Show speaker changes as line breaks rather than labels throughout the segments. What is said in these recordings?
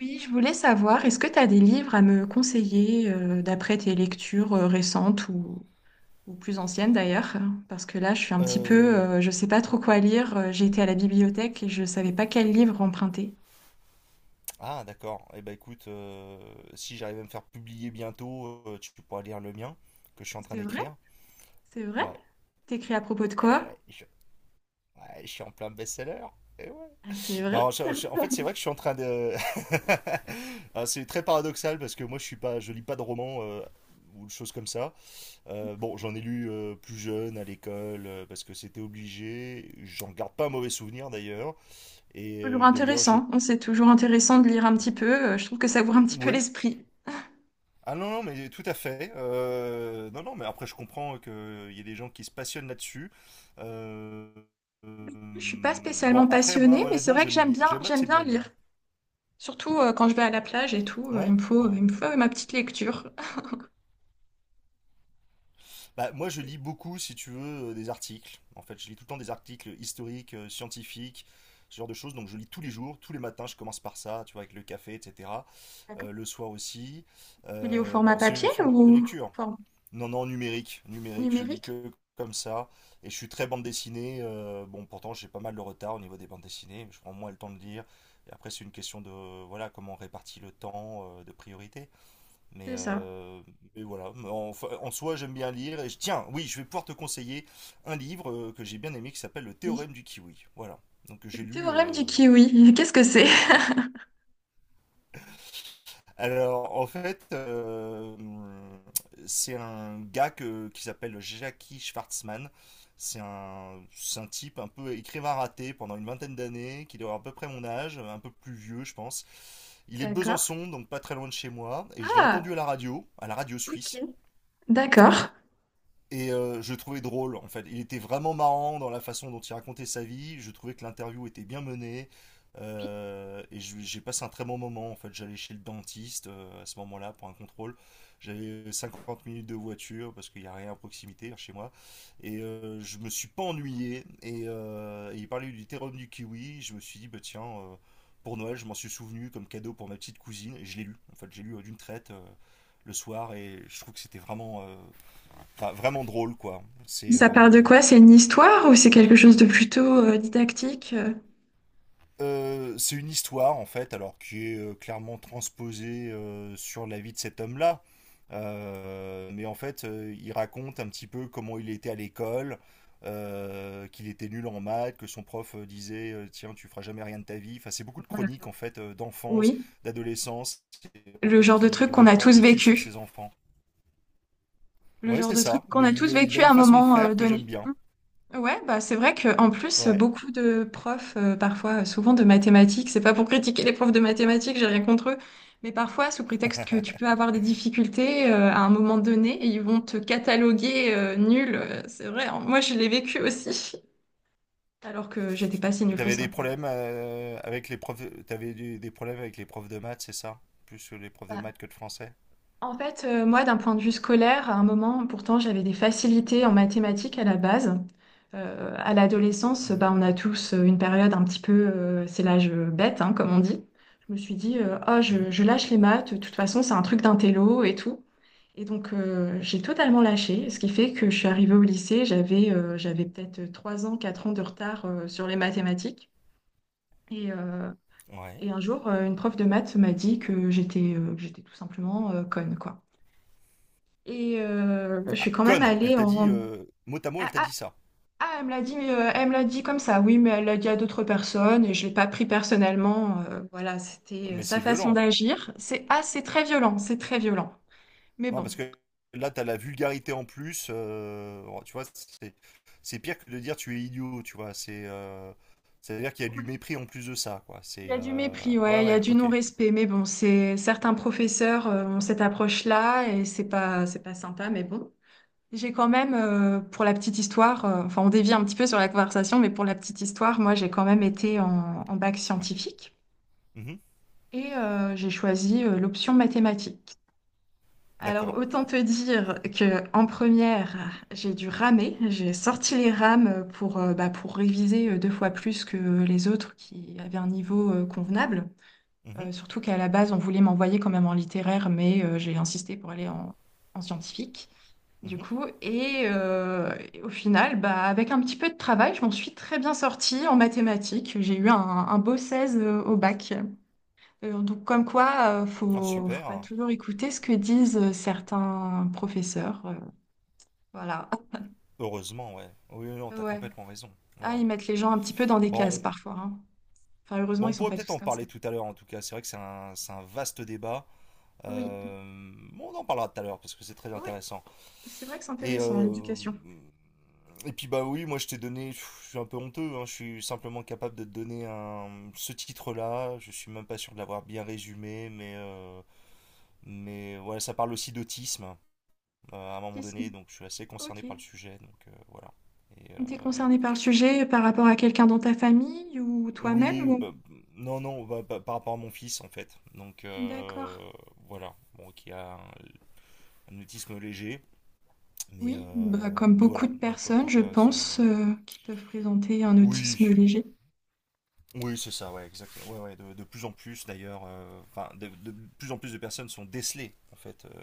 Oui, je voulais savoir, est-ce que tu as des livres à me conseiller, d'après tes lectures récentes ou plus anciennes d'ailleurs? Parce que là, je suis un petit peu,
Euh,
je sais pas trop quoi lire. J'ai été à la bibliothèque et je savais pas quel livre emprunter.
Ah, d'accord. Eh ben, écoute, si j'arrive à me faire publier bientôt, tu pourras lire le mien que je suis en train
C'est vrai?
d'écrire.
C'est vrai?
Ouais.
T'écris à propos de
Eh
quoi?
ouais, ouais, je suis en plein best-seller. Eh ouais.
Ah, c'est vrai?
Non, en fait, c'est vrai que je suis en train de. Ah, c'est très paradoxal parce que moi, je lis pas de romans ou de choses comme ça. Bon, j'en ai lu plus jeune à l'école parce que c'était obligé. J'en garde pas un mauvais souvenir d'ailleurs.
Toujours
D'ailleurs, je.
intéressant, hein. C'est toujours intéressant de lire un petit peu. Je trouve que ça ouvre un petit peu
Oui.
l'esprit.
Ah non, non, mais tout à fait. Non, non, mais après, je comprends qu'il y ait des gens qui se passionnent là-dessus. Euh,
Je suis pas
bon,
spécialement
après, moi,
passionnée, mais c'est
honnêtement,
vrai que
j'aime
j'aime
assez
bien
bien
lire.
lire.
Surtout quand je vais à la plage et tout,
Ouais,
il
ouais.
me faut ma petite lecture.
Bah, moi, je lis beaucoup, si tu veux, des articles. En fait, je lis tout le temps des articles historiques, scientifiques, ce genre de choses. Donc, je lis tous les jours, tous les matins. Je commence par ça, tu vois, avec le café, etc. Le soir aussi.
Il est au format
Bon, c'est
papier
une forme de
ou
lecture.
format
Non, non, numérique, numérique, je lis
numérique?
que comme ça. Et je suis très bande dessinée. Bon, pourtant, j'ai pas mal de retard au niveau des bandes dessinées. Mais je prends moins le temps de lire. Et après, c'est une question de, voilà, comment on répartit le temps, de priorité. Mais,
C'est ça.
voilà. Mais enfin, en soi, j'aime bien lire. Et tiens, oui, je vais pouvoir te conseiller un livre que j'ai bien aimé qui s'appelle Le
Oui.
théorème du kiwi. Voilà. Donc,
Le
j'ai lu.
théorème du kiwi, qu'est-ce que c'est?
Ouais. Alors, en fait, c'est un gars qui s'appelle Jackie Schwartzman. C'est un type un peu écrivain raté pendant une vingtaine d'années, qui doit avoir à peu près mon âge, un peu plus vieux, je pense. Il est de
D'accord.
Besançon, donc pas très loin de chez moi, et je l'ai
Ah,
entendu à la radio
ok.
suisse.
D'accord.
Et je le trouvais drôle, en fait. Il était vraiment marrant dans la façon dont il racontait sa vie. Je trouvais que l'interview était bien menée. Et j'ai passé un très bon moment, en fait. J'allais chez le dentiste à ce moment-là pour un contrôle. J'avais 50 minutes de voiture parce qu'il n'y a rien à proximité chez moi. Et je me suis pas ennuyé. Et il parlait du terroir du kiwi. Je me suis dit, bah tiens, pour Noël, je m'en suis souvenu comme cadeau pour ma petite cousine. Et je l'ai lu. En fait, j'ai lu d'une traite le soir. Et je trouve que c'était vraiment, enfin, vraiment drôle, quoi. C'est
Ça part de
euh,
quoi? C'est une histoire ou c'est quelque chose de plutôt didactique?
euh, c'est une histoire, en fait, alors qui est clairement transposée sur la vie de cet homme-là. Mais en fait, il raconte un petit peu comment il était à l'école, qu'il était nul en maths, que son prof disait tiens, tu feras jamais rien de ta vie. Enfin, c'est beaucoup de
Voilà.
chroniques, en fait, d'enfance,
Oui.
d'adolescence, en
Le
fait,
genre de
qui
truc qu'on a
reportent
tous
aussi sur
vécu.
ses enfants.
Le
Ouais,
genre
c'est
de truc
ça.
qu'on
Mais
a tous
il a
vécu à
une
un
façon de
moment
faire que j'aime
donné.
bien.
Ouais, bah c'est vrai que en plus
Ouais.
beaucoup de profs, parfois souvent de mathématiques, c'est pas pour critiquer les profs de mathématiques, j'ai rien contre eux, mais parfois sous prétexte que tu peux avoir des difficultés, à un moment donné, ils vont te cataloguer, nul, c'est vrai, hein. Moi je l'ai vécu aussi, alors que j'étais pas si nulle que
T'avais des
ça, mais bon.
problèmes avec les profs, t'avais des problèmes avec les profs de maths, c'est ça? Plus les profs de maths que de français?
En fait, moi, d'un point de vue scolaire, à un moment, pourtant, j'avais des facilités en mathématiques à la base. À l'adolescence, bah,
Mhm,
on a tous une période un petit peu, c'est l'âge bête, hein, comme on dit. Je me suis dit, ah,
mhm.
je lâche les maths, de toute façon, c'est un truc d'intello et tout. Et donc, j'ai totalement lâché, ce qui fait que je suis arrivée au lycée, j'avais peut-être 3 ans, 4 ans de retard sur les mathématiques. Et, euh,
Ouais.
et un jour, une prof de maths m'a dit que j'étais tout simplement, conne, quoi. Et je suis
Ah,
quand même
conne, elle
allée
t'a dit,
en...
mot à mot, elle
Ah,
t'a
ah,
dit ça.
ah, elle me l'a dit comme ça, oui, mais elle l'a dit à d'autres personnes et je l'ai pas pris personnellement. Voilà, c'était,
Mais
sa
c'est
façon
violent.
d'agir. C'est très violent, c'est très violent. Mais
Non,
bon,
parce que là, t'as la vulgarité en plus. Oh, tu vois, c'est pire que de dire tu es idiot, tu vois. C'est-à-dire qu'il y a
ouais,
du mépris en plus de ça, quoi.
il
C'est
y a du mépris,
Ouais,
ouais, il y a
ouais,
du
ok.
non-respect, mais bon, c'est certains professeurs, ont cette approche-là et c'est pas sympa, mais bon. J'ai quand même, pour la petite histoire, enfin on dévie un petit peu sur la conversation, mais pour la petite histoire, moi j'ai quand même été en bac
Ouais.
scientifique.
Mhm.
Et j'ai choisi l'option mathématiques. Alors
D'accord.
autant te dire que en première, j'ai dû ramer, j'ai sorti les rames pour, bah, pour réviser deux fois plus que les autres qui avaient un niveau convenable.
Mhm.
Surtout qu'à la base, on voulait m'envoyer quand même en littéraire, mais j'ai insisté pour aller en, en scientifique. Du
Mhm.
coup, et au final, bah, avec un petit peu de travail, je m'en suis très bien sortie en mathématiques. J'ai eu un beau 16 au bac. Donc, comme quoi,
Ah,
faut pas
super.
toujours écouter ce que disent, certains professeurs. Voilà.
Heureusement, ouais. Oui, oui, non,
Ah,
t'as
ouais.
complètement raison. Ouais,
Ah,
ouais.
ils mettent les gens un petit peu dans des
Bon,
cases
on,
parfois, hein. Enfin, heureusement,
bon,
ils
on
sont
pourrait
pas
peut-être
tous
en
comme ça.
parler tout à l'heure en tout cas. C'est vrai que c'est un vaste débat.
Oui.
Euh, bon, on en parlera tout à l'heure parce que c'est très
Oui.
intéressant.
C'est vrai que c'est
Et,
intéressant,
euh,
l'éducation.
et puis bah oui, moi je t'ai donné, pff, je suis un peu honteux, hein, je suis simplement capable de te donner ce titre-là. Je suis même pas sûr de l'avoir bien résumé, mais mais ouais, ça parle aussi d'autisme à un moment
Qu'est-ce-
donné, donc je suis assez concerné
Ok.
par le sujet, donc voilà. Et, euh,
T'es concerné par le sujet par rapport à quelqu'un dans ta famille ou
Oui,
toi-même ou...
bah, non, non, bah, par rapport à mon fils en fait. Donc
D'accord.
voilà, bon, qui a un autisme léger, mais
Oui, bah,
euh,
comme
mais
beaucoup
voilà.
de
Donc en
personnes,
tout
je
cas, c'est
pense, qui peuvent présenter un
oui,
autisme léger.
oui, c'est ça, ouais, exactement. Ouais, ouais, de plus en plus d'ailleurs, enfin, de plus en plus de personnes sont décelées en fait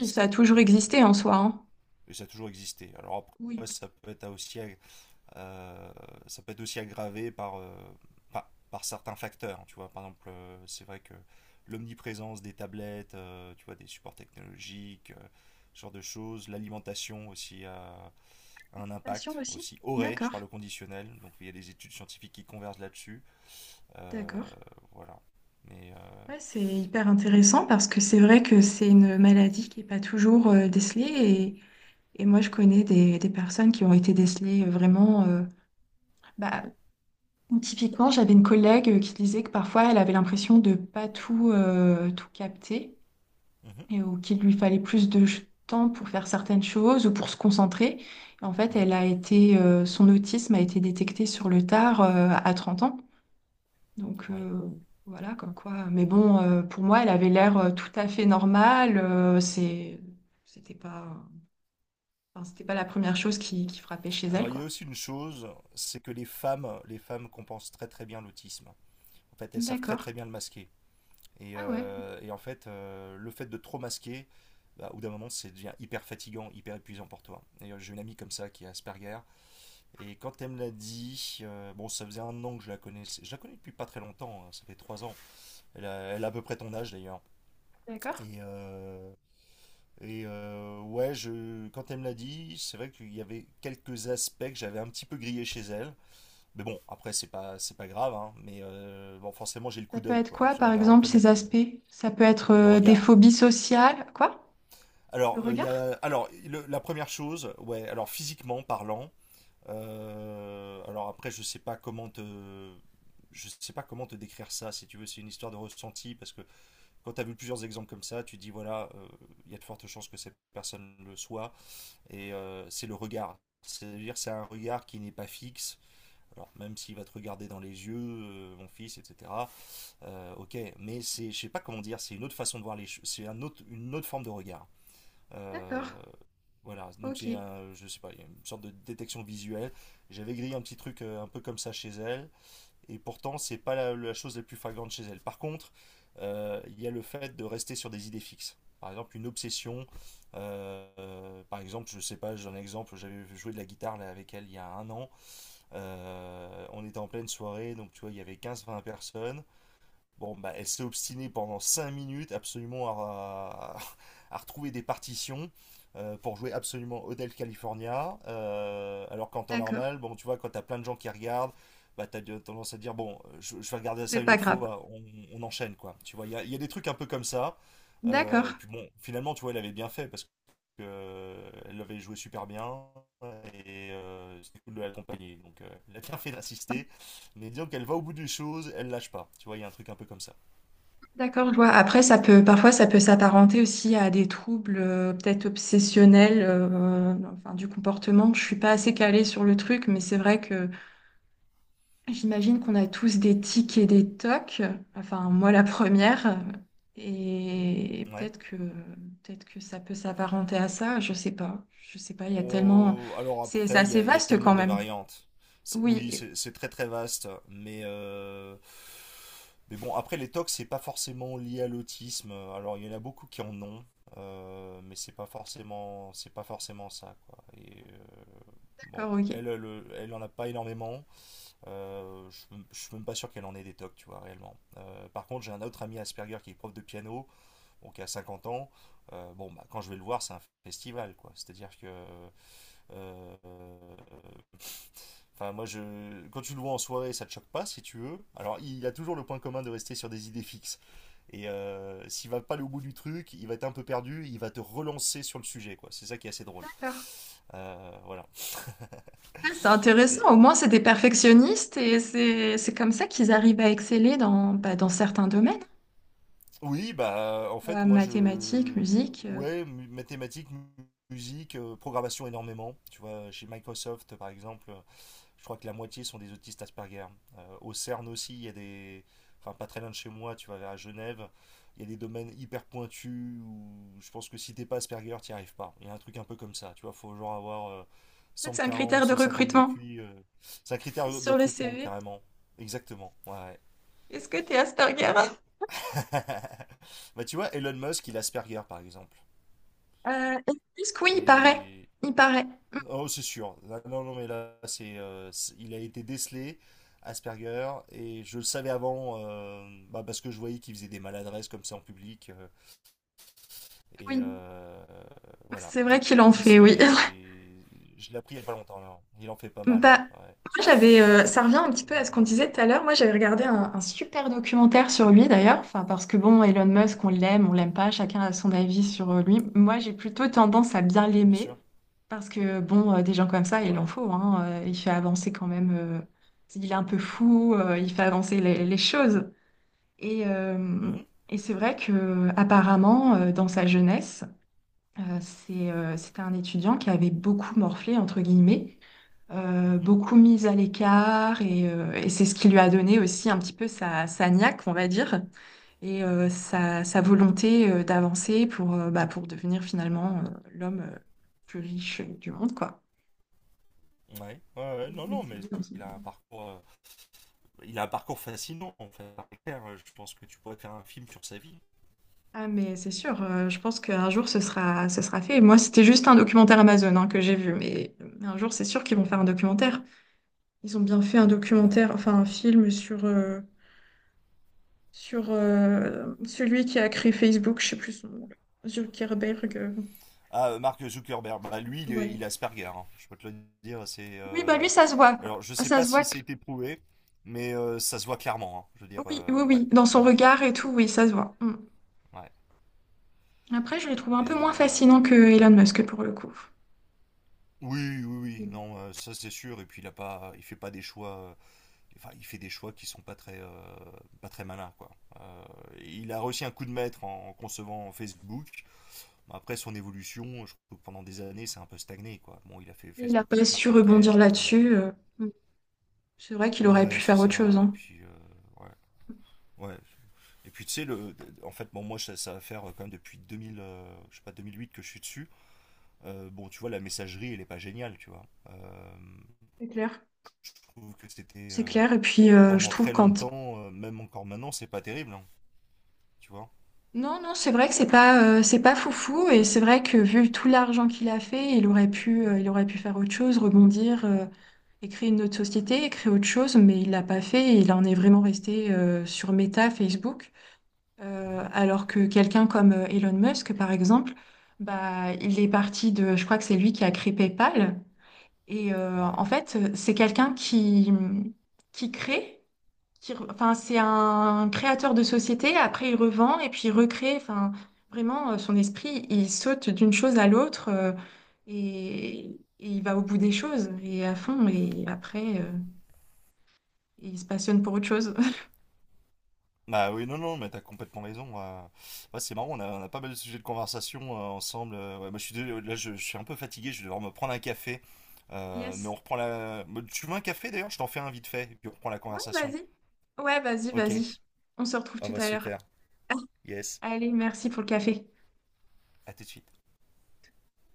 Oui, ça a toujours existé en soi, hein.
et ça a toujours existé. Alors
Oui.
après, ça peut être aussi. Euh, Ça peut être aussi aggravé par, par certains facteurs. Tu vois, par exemple, c'est vrai que l'omniprésence des tablettes, tu vois, des supports technologiques, ce genre de choses, l'alimentation aussi a un
Attention
impact
aussi.
aussi aurait, je
D'accord.
parle au conditionnel, donc il y a des études scientifiques qui convergent là-dessus. Euh,
D'accord.
voilà. Mais euh,
Ouais, c'est hyper intéressant parce que c'est vrai que c'est une maladie qui n'est pas toujours décelée, et moi je connais des personnes qui ont été décelées, vraiment. Bah, typiquement, j'avais une collègue qui disait que parfois elle avait l'impression de pas tout, tout capter
mhm,
et, ou qu'il lui fallait plus de temps pour faire certaines choses ou pour se concentrer. En fait,
mhm,
son autisme a été détecté sur le tard, à 30 ans. Donc
oui.
voilà, comme quoi. Mais bon, pour moi, elle avait l'air, tout à fait normale. C'était pas, enfin, c'était pas la première chose qui frappait chez elle,
Alors il y a
quoi.
aussi une chose, c'est que les femmes compensent très très bien l'autisme. En fait, elles savent très
D'accord.
très bien le masquer. Et,
Ah ouais,
euh, et en fait, le fait de trop masquer, bah, au bout d'un moment, c'est devient hyper fatigant, hyper épuisant pour toi. Et j'ai une amie comme ça qui est Asperger. Et quand elle me l'a dit, bon, ça faisait un an que je la connaissais. Je la connais depuis pas très longtemps, hein, ça fait 3 ans. Elle a, elle a à peu près ton âge d'ailleurs.
d'accord.
Et, euh, Quand elle me l'a dit, c'est vrai qu'il y avait quelques aspects que j'avais un petit peu grillé chez elle. Mais bon, après, c'est pas grave, hein, mais bon, forcément, j'ai le
Ça
coup
peut
d'œil,
être
quoi.
quoi, par
J'arrive à
exemple, ces
reconnaître
aspects? Ça peut être,
le
des
regard.
phobies sociales, quoi? Le
Il y
regard?
a, alors la première chose, ouais, alors physiquement parlant, alors après, je sais pas comment te décrire ça, si tu veux, c'est une histoire de ressenti, parce que quand tu as vu plusieurs exemples comme ça, tu dis, voilà, il y a de fortes chances que cette personne le soit, et c'est le regard. C'est-à-dire, c'est un regard qui n'est pas fixe. Alors, même s'il va te regarder dans les yeux, mon fils, etc. Ok, mais c'est, je sais pas comment dire, c'est une autre façon de voir les choses, c'est une autre forme de regard. Euh,
D'accord.
voilà, donc
Ok,
j'ai un, je sais pas, il y a une sorte de détection visuelle. J'avais grillé un petit truc un peu comme ça chez elle, et pourtant c'est pas la chose la plus flagrante chez elle. Par contre, il y a le fait de rester sur des idées fixes. Par exemple, une obsession. Par exemple, je sais pas, j'ai un exemple, j'avais joué de la guitare là, avec elle il y a un an. On était en pleine soirée, donc tu vois, il y avait quinze vingt personnes. Bon, bah, elle s'est obstinée pendant 5 minutes absolument à retrouver des partitions pour jouer absolument Hotel California. Alors qu'en temps
d'accord.
normal, bon, tu vois, quand t'as plein de gens qui regardent, bah, t'as de- tendance à te dire, bon, je vais regarder
C'est
ça une
pas
autre
grave.
fois, on enchaîne, quoi. Tu vois, il y a des trucs un peu comme ça. Et
D'accord.
puis bon, finalement, tu vois, elle avait bien fait parce que elle avait joué super bien et c'était cool de l'accompagner. Donc, elle a bien fait d'insister. Mais disons qu'elle va au bout des choses, elle lâche pas. Tu vois, il y a un truc un peu comme ça.
D'accord, je vois. Après, ça peut, parfois, ça peut s'apparenter aussi à des troubles, peut-être obsessionnels, enfin, du comportement. Je suis pas assez calée sur le truc, mais c'est vrai que j'imagine qu'on a tous des tics et des tocs. Enfin, moi, la première. Et
Ouais.
peut-être que ça peut s'apparenter à ça. Je sais pas. Je sais pas. Il y a tellement.
Oh, alors
C'est
après, il y
assez
a, il y a
vaste
tellement
quand
de
même.
variantes.
Oui.
Oui, c'est très très vaste, mais mais bon, après les tocs, c'est pas forcément lié à l'autisme. Alors il y en a beaucoup qui en ont, mais c'est pas forcément ça quoi. Bon,
D'accord. Ok.
elle elle en a pas énormément. Euh, je, je suis même pas sûr qu'elle en ait des tocs, tu vois réellement. Par contre, j'ai un autre ami Asperger qui est prof de piano, donc qui a 50 ans. Bon, bah, quand je vais le voir, c'est un festival, quoi. C'est-à-dire que Euh, enfin, moi, je... Quand tu le vois en soirée, ça te choque pas, si tu veux. Alors, il a toujours le point commun de rester sur des idées fixes. Et s'il va pas aller au bout du truc, il va être un peu perdu, il va te relancer sur le sujet, quoi. C'est ça qui est assez drôle.
D'accord.
Voilà.
Ouais, c'est intéressant,
Et...
au moins c'est des perfectionnistes et c'est comme ça qu'ils arrivent à exceller dans, dans certains domaines.
Oui, bah, en fait, moi, je...
Mathématiques, musique.
Ouais, mathématiques, musique, programmation énormément. Tu vois, chez Microsoft, par exemple, je crois que la moitié sont des autistes Asperger. Au CERN aussi, il y a des. Enfin, pas très loin de chez moi, tu vas vers Genève, il y a des domaines hyper pointus où je pense que si t'es pas Asperger, t'y arrives pas. Il y a un truc un peu comme ça, tu vois, faut genre avoir
Peut-être c'est un
140,
critère de
150 de
recrutement
QI. C'est un critère de
sur le
recrutement,
CV.
carrément. Exactement, ouais, ouais.
Est-ce que tu es Asperger?
Bah, tu vois, Elon Musk, il est Asperger, par exemple.
Euh, est-ce que oui, il paraît.
Et
Il paraît.
oh, c'est sûr. Là, non, non, mais là, c'est, il a été décelé Asperger, et je le savais avant, bah, parce que je voyais qu'il faisait des maladresses comme ça en public. Et
Oui,
euh, voilà.
c'est vrai
Donc,
qu'il en
lui,
fait, oui.
c'est. Je l'ai appris il n'y a pas longtemps, là. Il en fait pas mal,
Bah,
ouais, ouais.
moi j'avais, ça revient un petit peu à
Donc,
ce qu'on disait tout à l'heure. Moi, j'avais regardé un super documentaire sur lui d'ailleurs. Enfin, parce que bon, Elon Musk, on l'aime pas. Chacun a son avis sur lui. Moi, j'ai plutôt tendance à bien
bien
l'aimer
sûr.
parce que bon, des gens comme ça, il en
Ouais.
faut, hein. Il fait avancer quand même. Il est un peu fou. Il fait avancer les choses. Et, euh,
Mhm,
et c'est vrai que apparemment, dans sa jeunesse. C'était un étudiant qui avait beaucoup morflé, entre guillemets,
mhm.
beaucoup mis à l'écart, et c'est ce qui lui a donné aussi un petit peu sa niaque, on va dire, et sa volonté d'avancer pour, bah, pour devenir finalement, l'homme, plus riche du monde, quoi.
Ouais. Ouais, ouais.
Et
Non,
pour
non, mais
exceller
c'est
dans
sûr
son
qu'il a un
domaine.
parcours, il a un parcours fascinant, en fait. C'est clair, je pense que tu pourrais faire un film sur sa vie.
Ah mais c'est sûr, je pense qu'un jour ce sera fait. Moi c'était juste un documentaire Amazon, hein, que j'ai vu, mais un jour c'est sûr qu'ils vont faire un documentaire. Ils ont bien fait un
Ouais.
documentaire, enfin un
Ouais.
film sur, celui qui a créé Facebook, je sais plus son nom, Zuckerberg.
Ah, Mark Zuckerberg, bah, lui, il est,
Ouais.
il est Asperger, hein. Je peux te le dire, c'est...
Oui, bah lui, ça se voit.
Alors, je sais
Ça
pas
se voit
si
que...
c'est été prouvé, mais ça se voit clairement, hein. Je veux dire,
Oui, oui,
ouais,
oui. Dans son
ouais,
regard et tout, oui, ça se voit. Mm.
ouais.
Après, je le trouve un peu
Et
moins fascinant que Elon Musk pour le coup.
oui, oui, oui, non, ça c'est sûr. Et puis il a pas, il fait pas des choix. Enfin, il fait des choix qui sont pas très, pas très malins, quoi. Euh, il a réussi un coup de maître en concevant Facebook. Bon, après son évolution, je trouve que pendant des années, c'est un peu stagné, quoi. Bon, il a fait
Il n'a
Facebook
pas su rebondir
Market.
là-dessus. Mm. C'est vrai qu'il aurait pu
Ouais, c'est
faire autre chose,
ça. Et
hein.
puis, ouais. Ouais. Et puis tu sais, le, en fait, bon, moi, ça va faire quand même depuis 2000, je sais pas, 2008 que je suis dessus. Bon, tu vois, la messagerie, elle est pas géniale, tu vois.
C'est clair.
Je trouve que c'était
C'est clair. Et puis, je
pendant
trouve
très
quand
longtemps, même encore maintenant, c'est pas terrible, hein, tu vois.
non, non, c'est vrai que c'est pas foufou et c'est vrai que vu tout l'argent qu'il a fait, il aurait pu faire autre chose, rebondir, et créer une autre société, et créer autre chose, mais il l'a pas fait et il en est vraiment resté, sur Meta, Facebook.
Mhm.
Alors que quelqu'un comme, Elon Musk, par exemple, bah, il est parti de, je crois que c'est lui qui a créé PayPal. Et
Ouais.
en fait, c'est quelqu'un qui crée, enfin, c'est un créateur de société, après il revend et puis il recrée. Enfin, vraiment, son esprit, il saute d'une chose à l'autre, et il va au bout des choses et à fond. Et après, il se passionne pour autre chose.
Bah oui, non, non, mais t'as complètement raison. Ouais, c'est marrant, on a pas mal de sujets de conversation ensemble. Ouais, moi, je suis, là, je suis un peu fatigué, je vais devoir me prendre un café. Mais on
Yes.
reprend la... Bah, tu veux un café d'ailleurs? Je t'en fais un vite fait, et puis on reprend la
Ouais,
conversation.
vas-y. Ouais, vas-y,
Ok.
vas-y. On se retrouve
Ah
tout
bah
à l'heure.
super. Yes.
Allez, merci pour le café.
À tout de suite.